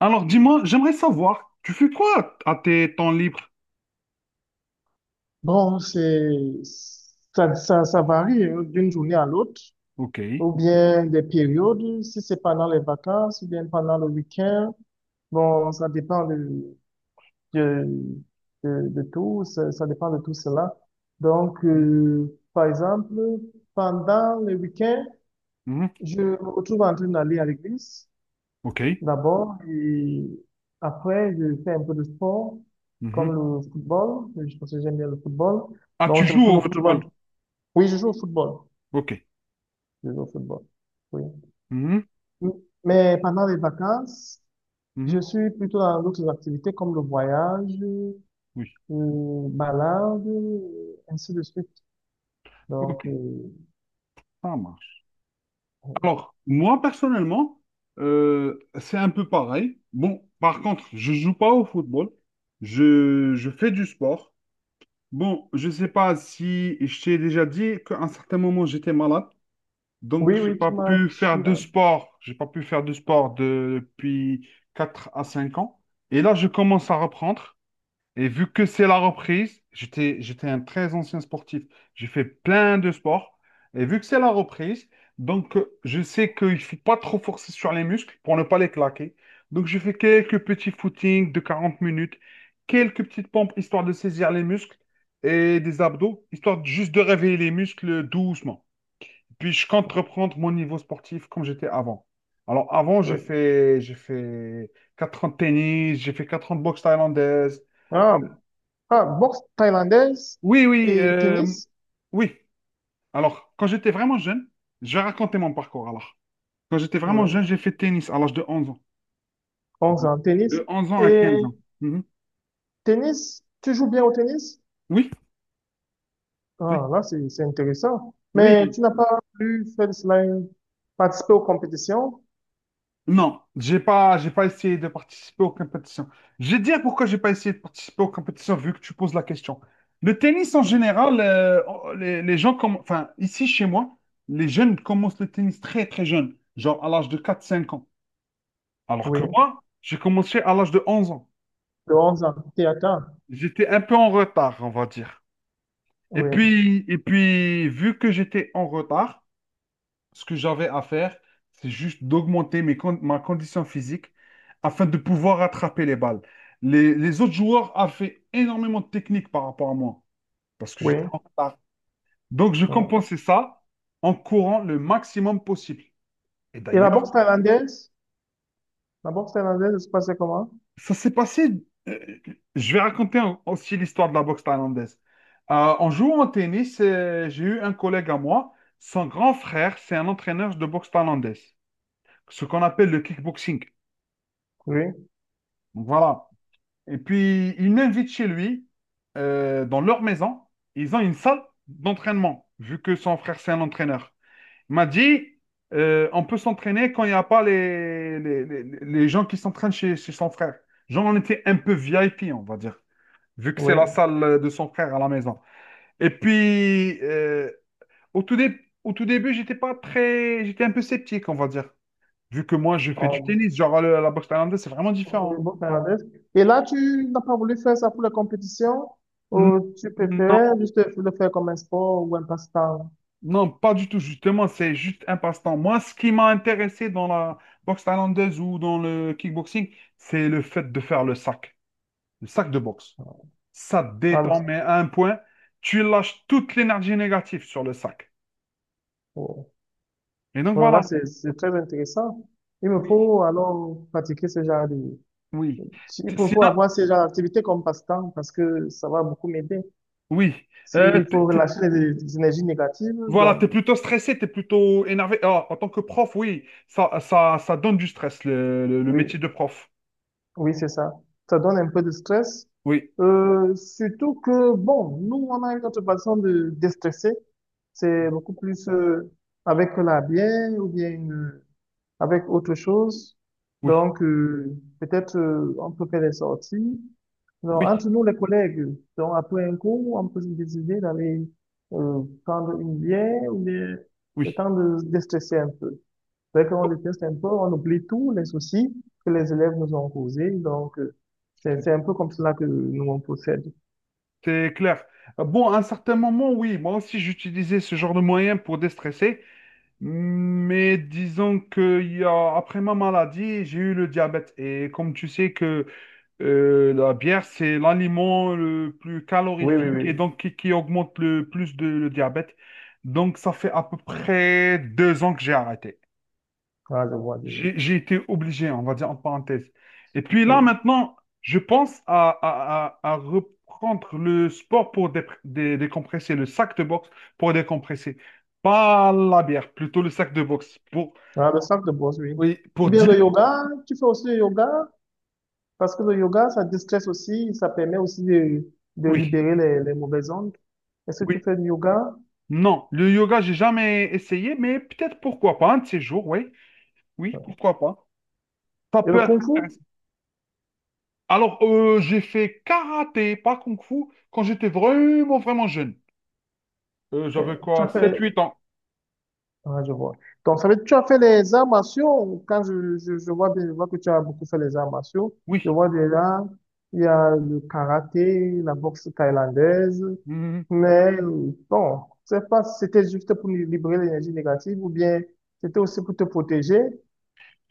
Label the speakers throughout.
Speaker 1: Alors, dis-moi, j'aimerais savoir, tu fais quoi à tes temps libres?
Speaker 2: Bon, c'est, ça varie hein, d'une journée à l'autre,
Speaker 1: Ok.
Speaker 2: ou bien des périodes, si c'est pendant les vacances, ou bien pendant le week-end. Bon, ça dépend de, de tout, ça dépend de tout cela. Donc,
Speaker 1: Mhm.
Speaker 2: par exemple, pendant le week-end,
Speaker 1: Mhm.
Speaker 2: je me retrouve en train d'aller à l'église,
Speaker 1: Ok.
Speaker 2: d'abord, et après, je fais un peu de sport,
Speaker 1: Mhm.
Speaker 2: comme le football, je pense que j'aime bien le football.
Speaker 1: Ah,
Speaker 2: Donc,
Speaker 1: tu
Speaker 2: je me
Speaker 1: joues au
Speaker 2: retrouve.
Speaker 1: football?
Speaker 2: Oui, je joue au football.
Speaker 1: Ok.
Speaker 2: Je joue au football. Oui.
Speaker 1: Mhm.
Speaker 2: Mm. Mais pendant les vacances,
Speaker 1: Mhm.
Speaker 2: je suis plutôt dans d'autres activités comme le voyage,
Speaker 1: Oui.
Speaker 2: balade, ainsi de suite.
Speaker 1: Ok.
Speaker 2: Donc,
Speaker 1: Ça marche. Alors, moi, personnellement, c'est un peu pareil. Bon, par contre, je joue pas au football. Je fais du sport. Bon, je sais pas si je t'ai déjà dit qu'à un certain moment, j'étais malade. Donc,
Speaker 2: oui,
Speaker 1: j'ai
Speaker 2: oui,
Speaker 1: pas
Speaker 2: tu m'as,
Speaker 1: pu
Speaker 2: tu
Speaker 1: faire de
Speaker 2: m'as,
Speaker 1: sport. J'ai pas pu faire de sport depuis 4 à 5 ans. Et là, je commence à reprendre. Et vu que c'est la reprise, j'étais un très ancien sportif. J'ai fait plein de sports. Et vu que c'est la reprise, donc je sais qu'il ne faut pas trop forcer sur les muscles pour ne pas les claquer. Donc, je fais quelques petits footings de 40 minutes, quelques petites pompes histoire de saisir les muscles et des abdos, juste de réveiller les muscles doucement. Puis je compte reprendre mon niveau sportif comme j'étais avant. Alors avant, j'ai
Speaker 2: oui.
Speaker 1: fait, j'ai fait 4 ans de tennis, j'ai fait 4 ans de boxe thaïlandaise.
Speaker 2: Ah, ah, boxe thaïlandaise
Speaker 1: Oui, oui,
Speaker 2: et tennis.
Speaker 1: oui. Alors, quand j'étais vraiment jeune, je vais raconter mon parcours. Alors, quand j'étais vraiment
Speaker 2: Oui.
Speaker 1: jeune, j'ai fait tennis à l'âge de 11 ans.
Speaker 2: On joue en tennis.
Speaker 1: De 11 ans à
Speaker 2: Et
Speaker 1: 15 ans. Mhm.
Speaker 2: tennis, tu joues bien au tennis?
Speaker 1: Oui,
Speaker 2: Ah, là, c'est intéressant.
Speaker 1: oui,
Speaker 2: Mais
Speaker 1: oui.
Speaker 2: tu n'as pas pu faire cela, participer aux compétitions?
Speaker 1: Non, j'ai pas essayé de participer aux compétitions. Je vais te dire pourquoi j'ai pas essayé de participer aux compétitions vu que tu poses la question. Le tennis en général, les gens comme, enfin, ici chez moi, les jeunes commencent le tennis très très jeune, genre à l'âge de 4 5 ans. Alors que
Speaker 2: Oui.
Speaker 1: moi, j'ai commencé à l'âge de 11 ans.
Speaker 2: De 11 ans, Théâtre.
Speaker 1: J'étais un peu en retard, on va dire. Et
Speaker 2: Oui,
Speaker 1: puis, et puis, vu que j'étais en retard, ce que j'avais à faire, c'est juste d'augmenter ma condition physique afin de pouvoir attraper les balles. Les autres joueurs avaient énormément de technique par rapport à moi parce que
Speaker 2: oui.
Speaker 1: j'étais en retard. Donc, je
Speaker 2: Oui.
Speaker 1: compensais ça en courant le maximum possible. Et
Speaker 2: Et la
Speaker 1: d'ailleurs,
Speaker 2: boxe thaïlandaise? La boxe thaïlandaise, ça se passait comment?
Speaker 1: ça s'est passé. euh, je vais raconter aussi l'histoire de la boxe thaïlandaise. En jouant au tennis, j'ai eu un collègue à moi. Son grand frère, c'est un entraîneur de boxe thaïlandaise, ce qu'on appelle le kickboxing.
Speaker 2: Oui,
Speaker 1: Voilà. Et puis, il m'invite chez lui, dans leur maison. Ils ont une salle d'entraînement, vu que son frère, c'est un entraîneur. Il m'a dit, on peut s'entraîner quand il n'y a pas les gens qui s'entraînent chez son frère. Genre, on était un peu VIP, on va dire, vu que c'est la
Speaker 2: oui.
Speaker 1: salle de son frère à la maison. Et puis, au tout dé- au tout début, j'étais pas très. J'étais un peu sceptique, on va dire. Vu que moi, je fais du
Speaker 2: Euh,
Speaker 1: tennis, genre la boxe thaïlandaise, c'est vraiment
Speaker 2: oui,
Speaker 1: différent.
Speaker 2: boxe thaïlandaise. Et là, tu n'as pas voulu faire ça pour la compétition ou tu
Speaker 1: Non,
Speaker 2: préférais juste le faire comme un sport ou un passe-temps?
Speaker 1: non, pas du tout, justement, c'est juste un passe-temps. Moi, ce qui m'a intéressé dans la boxe thaïlandaise ou dans le kickboxing, c'est le fait de faire le sac de boxe. Ça te détend,
Speaker 2: Voilà.
Speaker 1: mais à un point, tu lâches toute l'énergie négative sur le sac.
Speaker 2: Oh.
Speaker 1: Et donc
Speaker 2: Voilà, là,
Speaker 1: voilà,
Speaker 2: c'est très intéressant. Il me
Speaker 1: oui,
Speaker 2: faut alors pratiquer ce genre de…
Speaker 1: oui.
Speaker 2: Il faut, faut
Speaker 1: Sinon,
Speaker 2: avoir ce genre d'activité comme passe-temps parce que ça va beaucoup m'aider.
Speaker 1: oui. Euh,
Speaker 2: S'il
Speaker 1: t-
Speaker 2: faut
Speaker 1: t-
Speaker 2: relâcher les énergies négatives,
Speaker 1: voilà, tu es
Speaker 2: donc
Speaker 1: plutôt stressé, tu es plutôt énervé. Ah, en tant que prof, oui, ça donne du stress, le
Speaker 2: oui.
Speaker 1: métier de prof.
Speaker 2: Oui, c'est ça. Ça donne un peu de stress.
Speaker 1: Oui,
Speaker 2: Surtout que, bon, nous, on a une autre façon de déstresser. C'est beaucoup plus avec la bière ou bien avec autre chose.
Speaker 1: oui,
Speaker 2: Donc, peut-être on peut faire des sorties. Alors,
Speaker 1: oui,
Speaker 2: entre nous, les collègues, donc après un cours, on peut se décider d'aller prendre une bière ou bien le
Speaker 1: oui.
Speaker 2: temps de déstresser un peu. Dès qu'on
Speaker 1: Bon.
Speaker 2: le teste un peu, on oublie tous les soucis que les élèves nous ont causés. Donc, c'est un peu comme cela que nous, on procède.
Speaker 1: C'est clair. Bon, à un certain moment, oui, moi aussi j'utilisais ce genre de moyens pour déstresser, mais disons que après ma maladie, j'ai eu le diabète. Et comme tu sais que la bière, c'est l'aliment le plus
Speaker 2: Oui, oui,
Speaker 1: calorifique et
Speaker 2: oui.
Speaker 1: donc qui augmente le plus de, le diabète. Donc ça fait à peu près 2 ans que j'ai arrêté.
Speaker 2: Ah, je vois, je vois.
Speaker 1: J'ai été obligé, on va dire entre parenthèses. Et puis là,
Speaker 2: Oui.
Speaker 1: maintenant, je pense à reprendre le sport pour décompresser, le sac de boxe pour décompresser. Pas la bière, plutôt le sac de boxe. Pour,
Speaker 2: Ah, le sac de bosse, oui.
Speaker 1: oui,
Speaker 2: Ou
Speaker 1: pour
Speaker 2: bien
Speaker 1: dire
Speaker 2: le yoga, tu fais aussi le yoga, parce que le yoga, ça déstresse aussi, ça permet aussi de
Speaker 1: oui,
Speaker 2: libérer les mauvaises ondes. Est-ce que tu
Speaker 1: oui.
Speaker 2: fais du yoga?
Speaker 1: Non, le yoga, j'ai jamais essayé, mais peut-être pourquoi pas, un de ces jours, oui. Oui, pourquoi pas. Ça
Speaker 2: Et le
Speaker 1: peut être
Speaker 2: kung fu?
Speaker 1: intéressant. Alors, j'ai fait karaté, pas kung fu, quand j'étais vraiment, vraiment jeune. J'avais
Speaker 2: Tu
Speaker 1: quoi,
Speaker 2: as
Speaker 1: sept
Speaker 2: fait,
Speaker 1: huit ans.
Speaker 2: ah, je vois. Donc, ça veut dire que tu as fait les arts martiaux. Quand je vois bien, je vois que tu as beaucoup fait les arts martiaux. Je
Speaker 1: Oui.
Speaker 2: vois déjà, il y a le karaté, la boxe thaïlandaise.
Speaker 1: Mhm.
Speaker 2: Mais bon, je sais pas si c'était juste pour libérer l'énergie négative ou bien c'était aussi pour te protéger.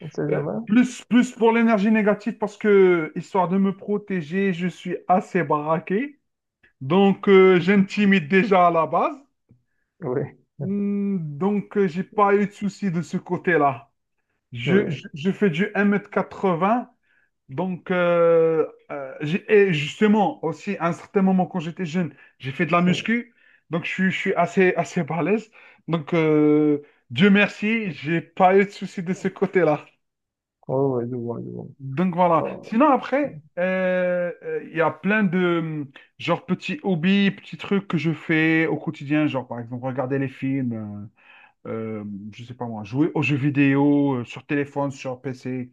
Speaker 2: On ne sait jamais.
Speaker 1: Plus, plus pour l'énergie négative parce que, histoire de me protéger, je suis assez baraqué. Donc, j'intimide déjà à la base.
Speaker 2: Oui.
Speaker 1: Donc, j'ai pas eu de souci de ce côté-là. Je, je-
Speaker 2: Oui,
Speaker 1: je fais du 1,80 m. Donc, et justement, aussi, à un certain moment, quand j'étais jeune, j'ai fait de la
Speaker 2: oui,
Speaker 1: muscu. Donc, je suis assez, assez balèze. Donc, Dieu merci, j'ai pas eu de souci de ce côté-là.
Speaker 2: oui, oui, je vois, je vois.
Speaker 1: Donc voilà.
Speaker 2: Bon,
Speaker 1: Sinon après, il y a plein de hum, genre petits hobbies, petits trucs que je fais au quotidien, genre par exemple regarder les films, euh, euh, je sais pas moi, jouer aux jeux vidéo sur téléphone, sur PC.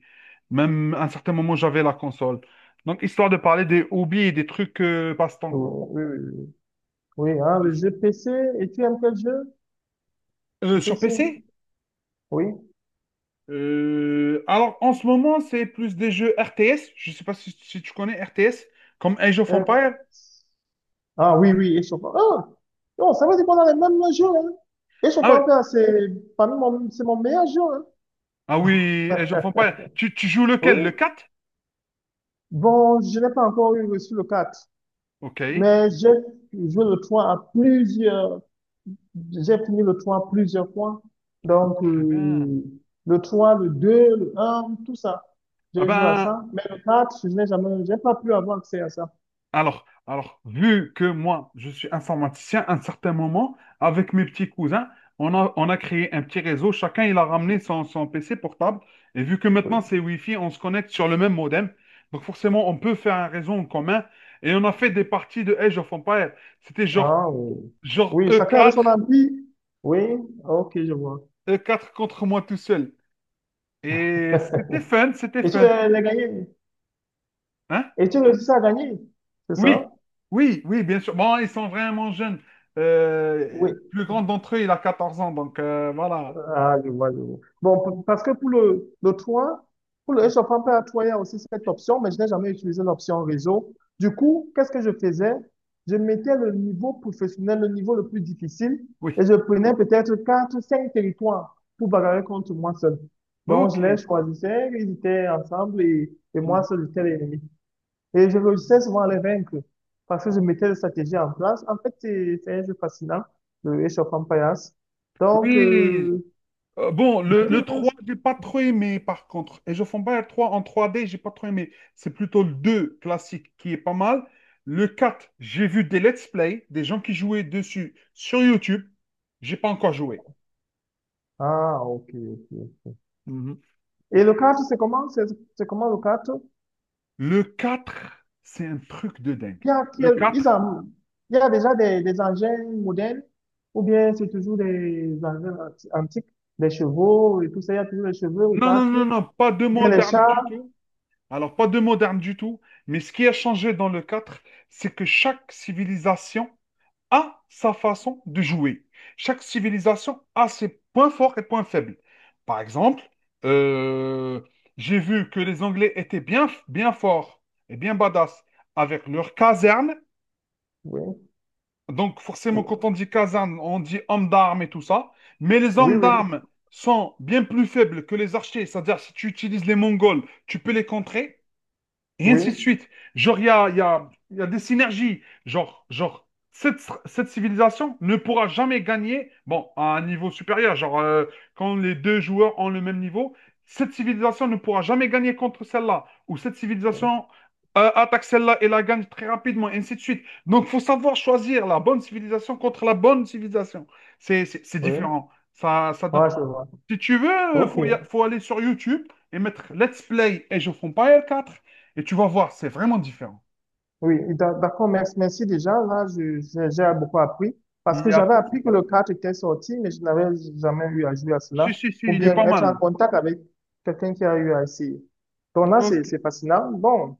Speaker 1: Même à un certain moment j'avais la console. Donc histoire de parler des hobbies et des trucs passe-temps quoi.
Speaker 2: oui, oui, oui. Oui, hein, le jeu PC, et tu aimes quel jeu? Sur
Speaker 1: Sur
Speaker 2: PC?
Speaker 1: PC?
Speaker 2: Oui.
Speaker 1: Alors en ce moment c'est plus des jeux RTS. Je sais pas si tu connais RTS comme Age of
Speaker 2: Euh,
Speaker 1: Empires.
Speaker 2: ah oui, oui, Eschoffa. Ah, non, ça veut dire qu'on a les mêmes jeux hein.
Speaker 1: Ah
Speaker 2: Eschoffa,
Speaker 1: ouais,
Speaker 2: en fait, c'est mon meilleur jeu hein.
Speaker 1: ah oui, et j'en fais pas. Tu joues
Speaker 2: Oui.
Speaker 1: lequel? Le 4?
Speaker 2: Bon, je n'ai pas encore eu reçu le 4
Speaker 1: Ok. Très
Speaker 2: mais j'ai joué le 3 à plusieurs, j'ai fini le 3 plusieurs fois. Donc,
Speaker 1: bien.
Speaker 2: le 3 le 2 le un tout ça.
Speaker 1: Ah
Speaker 2: J'ai joué à
Speaker 1: ben,
Speaker 2: ça. Mais le 4 je n'ai jamais, j'ai pas pu avoir accès à ça.
Speaker 1: vu que moi, je suis informaticien, à un certain moment, avec mes petits cousins, on a créé un petit réseau. Chacun, il a ramené son PC portable. Et vu que maintenant,
Speaker 2: Oui.
Speaker 1: c'est Wi-Fi, on se connecte sur le même modem. Donc forcément, on peut faire un réseau en commun. Et on a fait des parties de Age of Empires. C'était genre,
Speaker 2: Ah, oui.
Speaker 1: genre
Speaker 2: Oui,
Speaker 1: e
Speaker 2: chacun avait son
Speaker 1: quatre
Speaker 2: ampli. Oui, ok, je vois.
Speaker 1: e quatre contre moi tout seul. Et c'était fun, c'était
Speaker 2: Et tu
Speaker 1: fun.
Speaker 2: l'as l'as gagné?
Speaker 1: Hein,
Speaker 2: Et tu réussis à gagner, c'est
Speaker 1: oui,
Speaker 2: ça?
Speaker 1: oui, oui, bien sûr. Bon, ils sont vraiment jeunes. Le
Speaker 2: Oui.
Speaker 1: plus grand d'entre eux, il a 14 ans, donc voilà.
Speaker 2: Ah, je vois, je vois. Bon, parce que pour le 3, pour le réchauffement plat à 3, il y a aussi cette option, mais je n'ai jamais utilisé l'option réseau. Du coup, qu'est-ce que je faisais? Je mettais le niveau professionnel, le niveau le plus difficile,
Speaker 1: Oui,
Speaker 2: et je prenais peut-être 4, 5 territoires pour bagarrer contre moi seul. Donc,
Speaker 1: ok.
Speaker 2: je les choisissais, ils étaient ensemble, et moi
Speaker 1: Mhm.
Speaker 2: seul, j'étais l'ennemi. Et je réussissais souvent à les vaincre parce que je mettais des stratégies en place. En fait, c'est un jeu fascinant, le Age of Empires. Donc,
Speaker 1: Oui. Bon, le,
Speaker 2: depuis
Speaker 1: le
Speaker 2: le…
Speaker 1: 3 j'ai pas trop aimé, par contre. Et je fonds pas le 3 en trois d j'ai pas trop aimé. C'est plutôt le 2 classique qui est pas mal. Le 4, j'ai vu des let's play, des gens qui jouaient dessus sur YouTube. J'ai pas encore joué.
Speaker 2: Ah, ok, ok.
Speaker 1: Mhm.
Speaker 2: Et le kart, c'est comment? C'est comment le kart?
Speaker 1: Le 4, c'est un truc de dingue.
Speaker 2: Il y a,
Speaker 1: Le 4.
Speaker 2: il y a déjà des engins modernes ou bien c'est toujours des engins antiques, des chevaux et tout ça. Il y a toujours les chevaux au
Speaker 1: Non, non,
Speaker 2: kart
Speaker 1: non,
Speaker 2: ou
Speaker 1: non, pas de
Speaker 2: bien les
Speaker 1: moderne
Speaker 2: chars.
Speaker 1: du tout. Alors, pas de moderne du tout. Mais ce qui a changé dans le quatre, c'est que chaque civilisation a sa façon de jouer. Chaque civilisation a ses points forts et points faibles. Par exemple, euh, j'ai vu que les Anglais étaient bien, bien forts et bien badass avec leur caserne.
Speaker 2: Oui,
Speaker 1: Donc, forcément, quand on dit caserne, on dit homme d'armes et tout ça. Mais les
Speaker 2: oui,
Speaker 1: hommes
Speaker 2: oui,
Speaker 1: d'armes sont bien plus faibles que les archers. C'est-à-dire, si tu utilises les Mongols, tu peux les contrer. Et
Speaker 2: oui,
Speaker 1: ainsi de suite. Genre, il y a, il y a- il y a des synergies. Genre, cette, cette civilisation ne pourra jamais gagner, bon, à un niveau supérieur. Genre, quand les 2 joueurs ont le même niveau, cette civilisation ne pourra jamais gagner contre celle-là. Ou cette civilisation attaque celle-là et la gagne très rapidement, et ainsi de suite. Donc, il faut savoir choisir la bonne civilisation contre la bonne civilisation. C'est
Speaker 2: oui.
Speaker 1: différent. Ça donne.
Speaker 2: Ouais, je vois.
Speaker 1: Si tu veux,
Speaker 2: Ok.
Speaker 1: faut, faut aller sur YouTube et mettre Let's Play Age of Empires 4 et tu vas voir, c'est vraiment différent.
Speaker 2: Oui, d'accord, merci, merci déjà. Là, j'ai beaucoup appris parce
Speaker 1: Il y
Speaker 2: que
Speaker 1: a.
Speaker 2: j'avais appris que le 4 était sorti, mais je n'avais jamais eu à jouer à cela
Speaker 1: Si, si, si,
Speaker 2: ou
Speaker 1: il est
Speaker 2: bien
Speaker 1: pas
Speaker 2: être en
Speaker 1: mal.
Speaker 2: contact avec quelqu'un qui a eu à essayer. Donc là,
Speaker 1: Ok.
Speaker 2: c'est fascinant. Bon,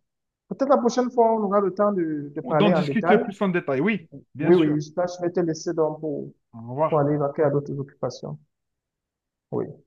Speaker 2: peut-être la prochaine fois, on aura le temps de
Speaker 1: D'en
Speaker 2: parler en
Speaker 1: discuter
Speaker 2: détail.
Speaker 1: plus en détail, oui, bien
Speaker 2: Oui,
Speaker 1: sûr.
Speaker 2: oui, là, je vais te laisser donc
Speaker 1: Au
Speaker 2: pour
Speaker 1: revoir.
Speaker 2: aller vaquer à d'autres occupations. Oui.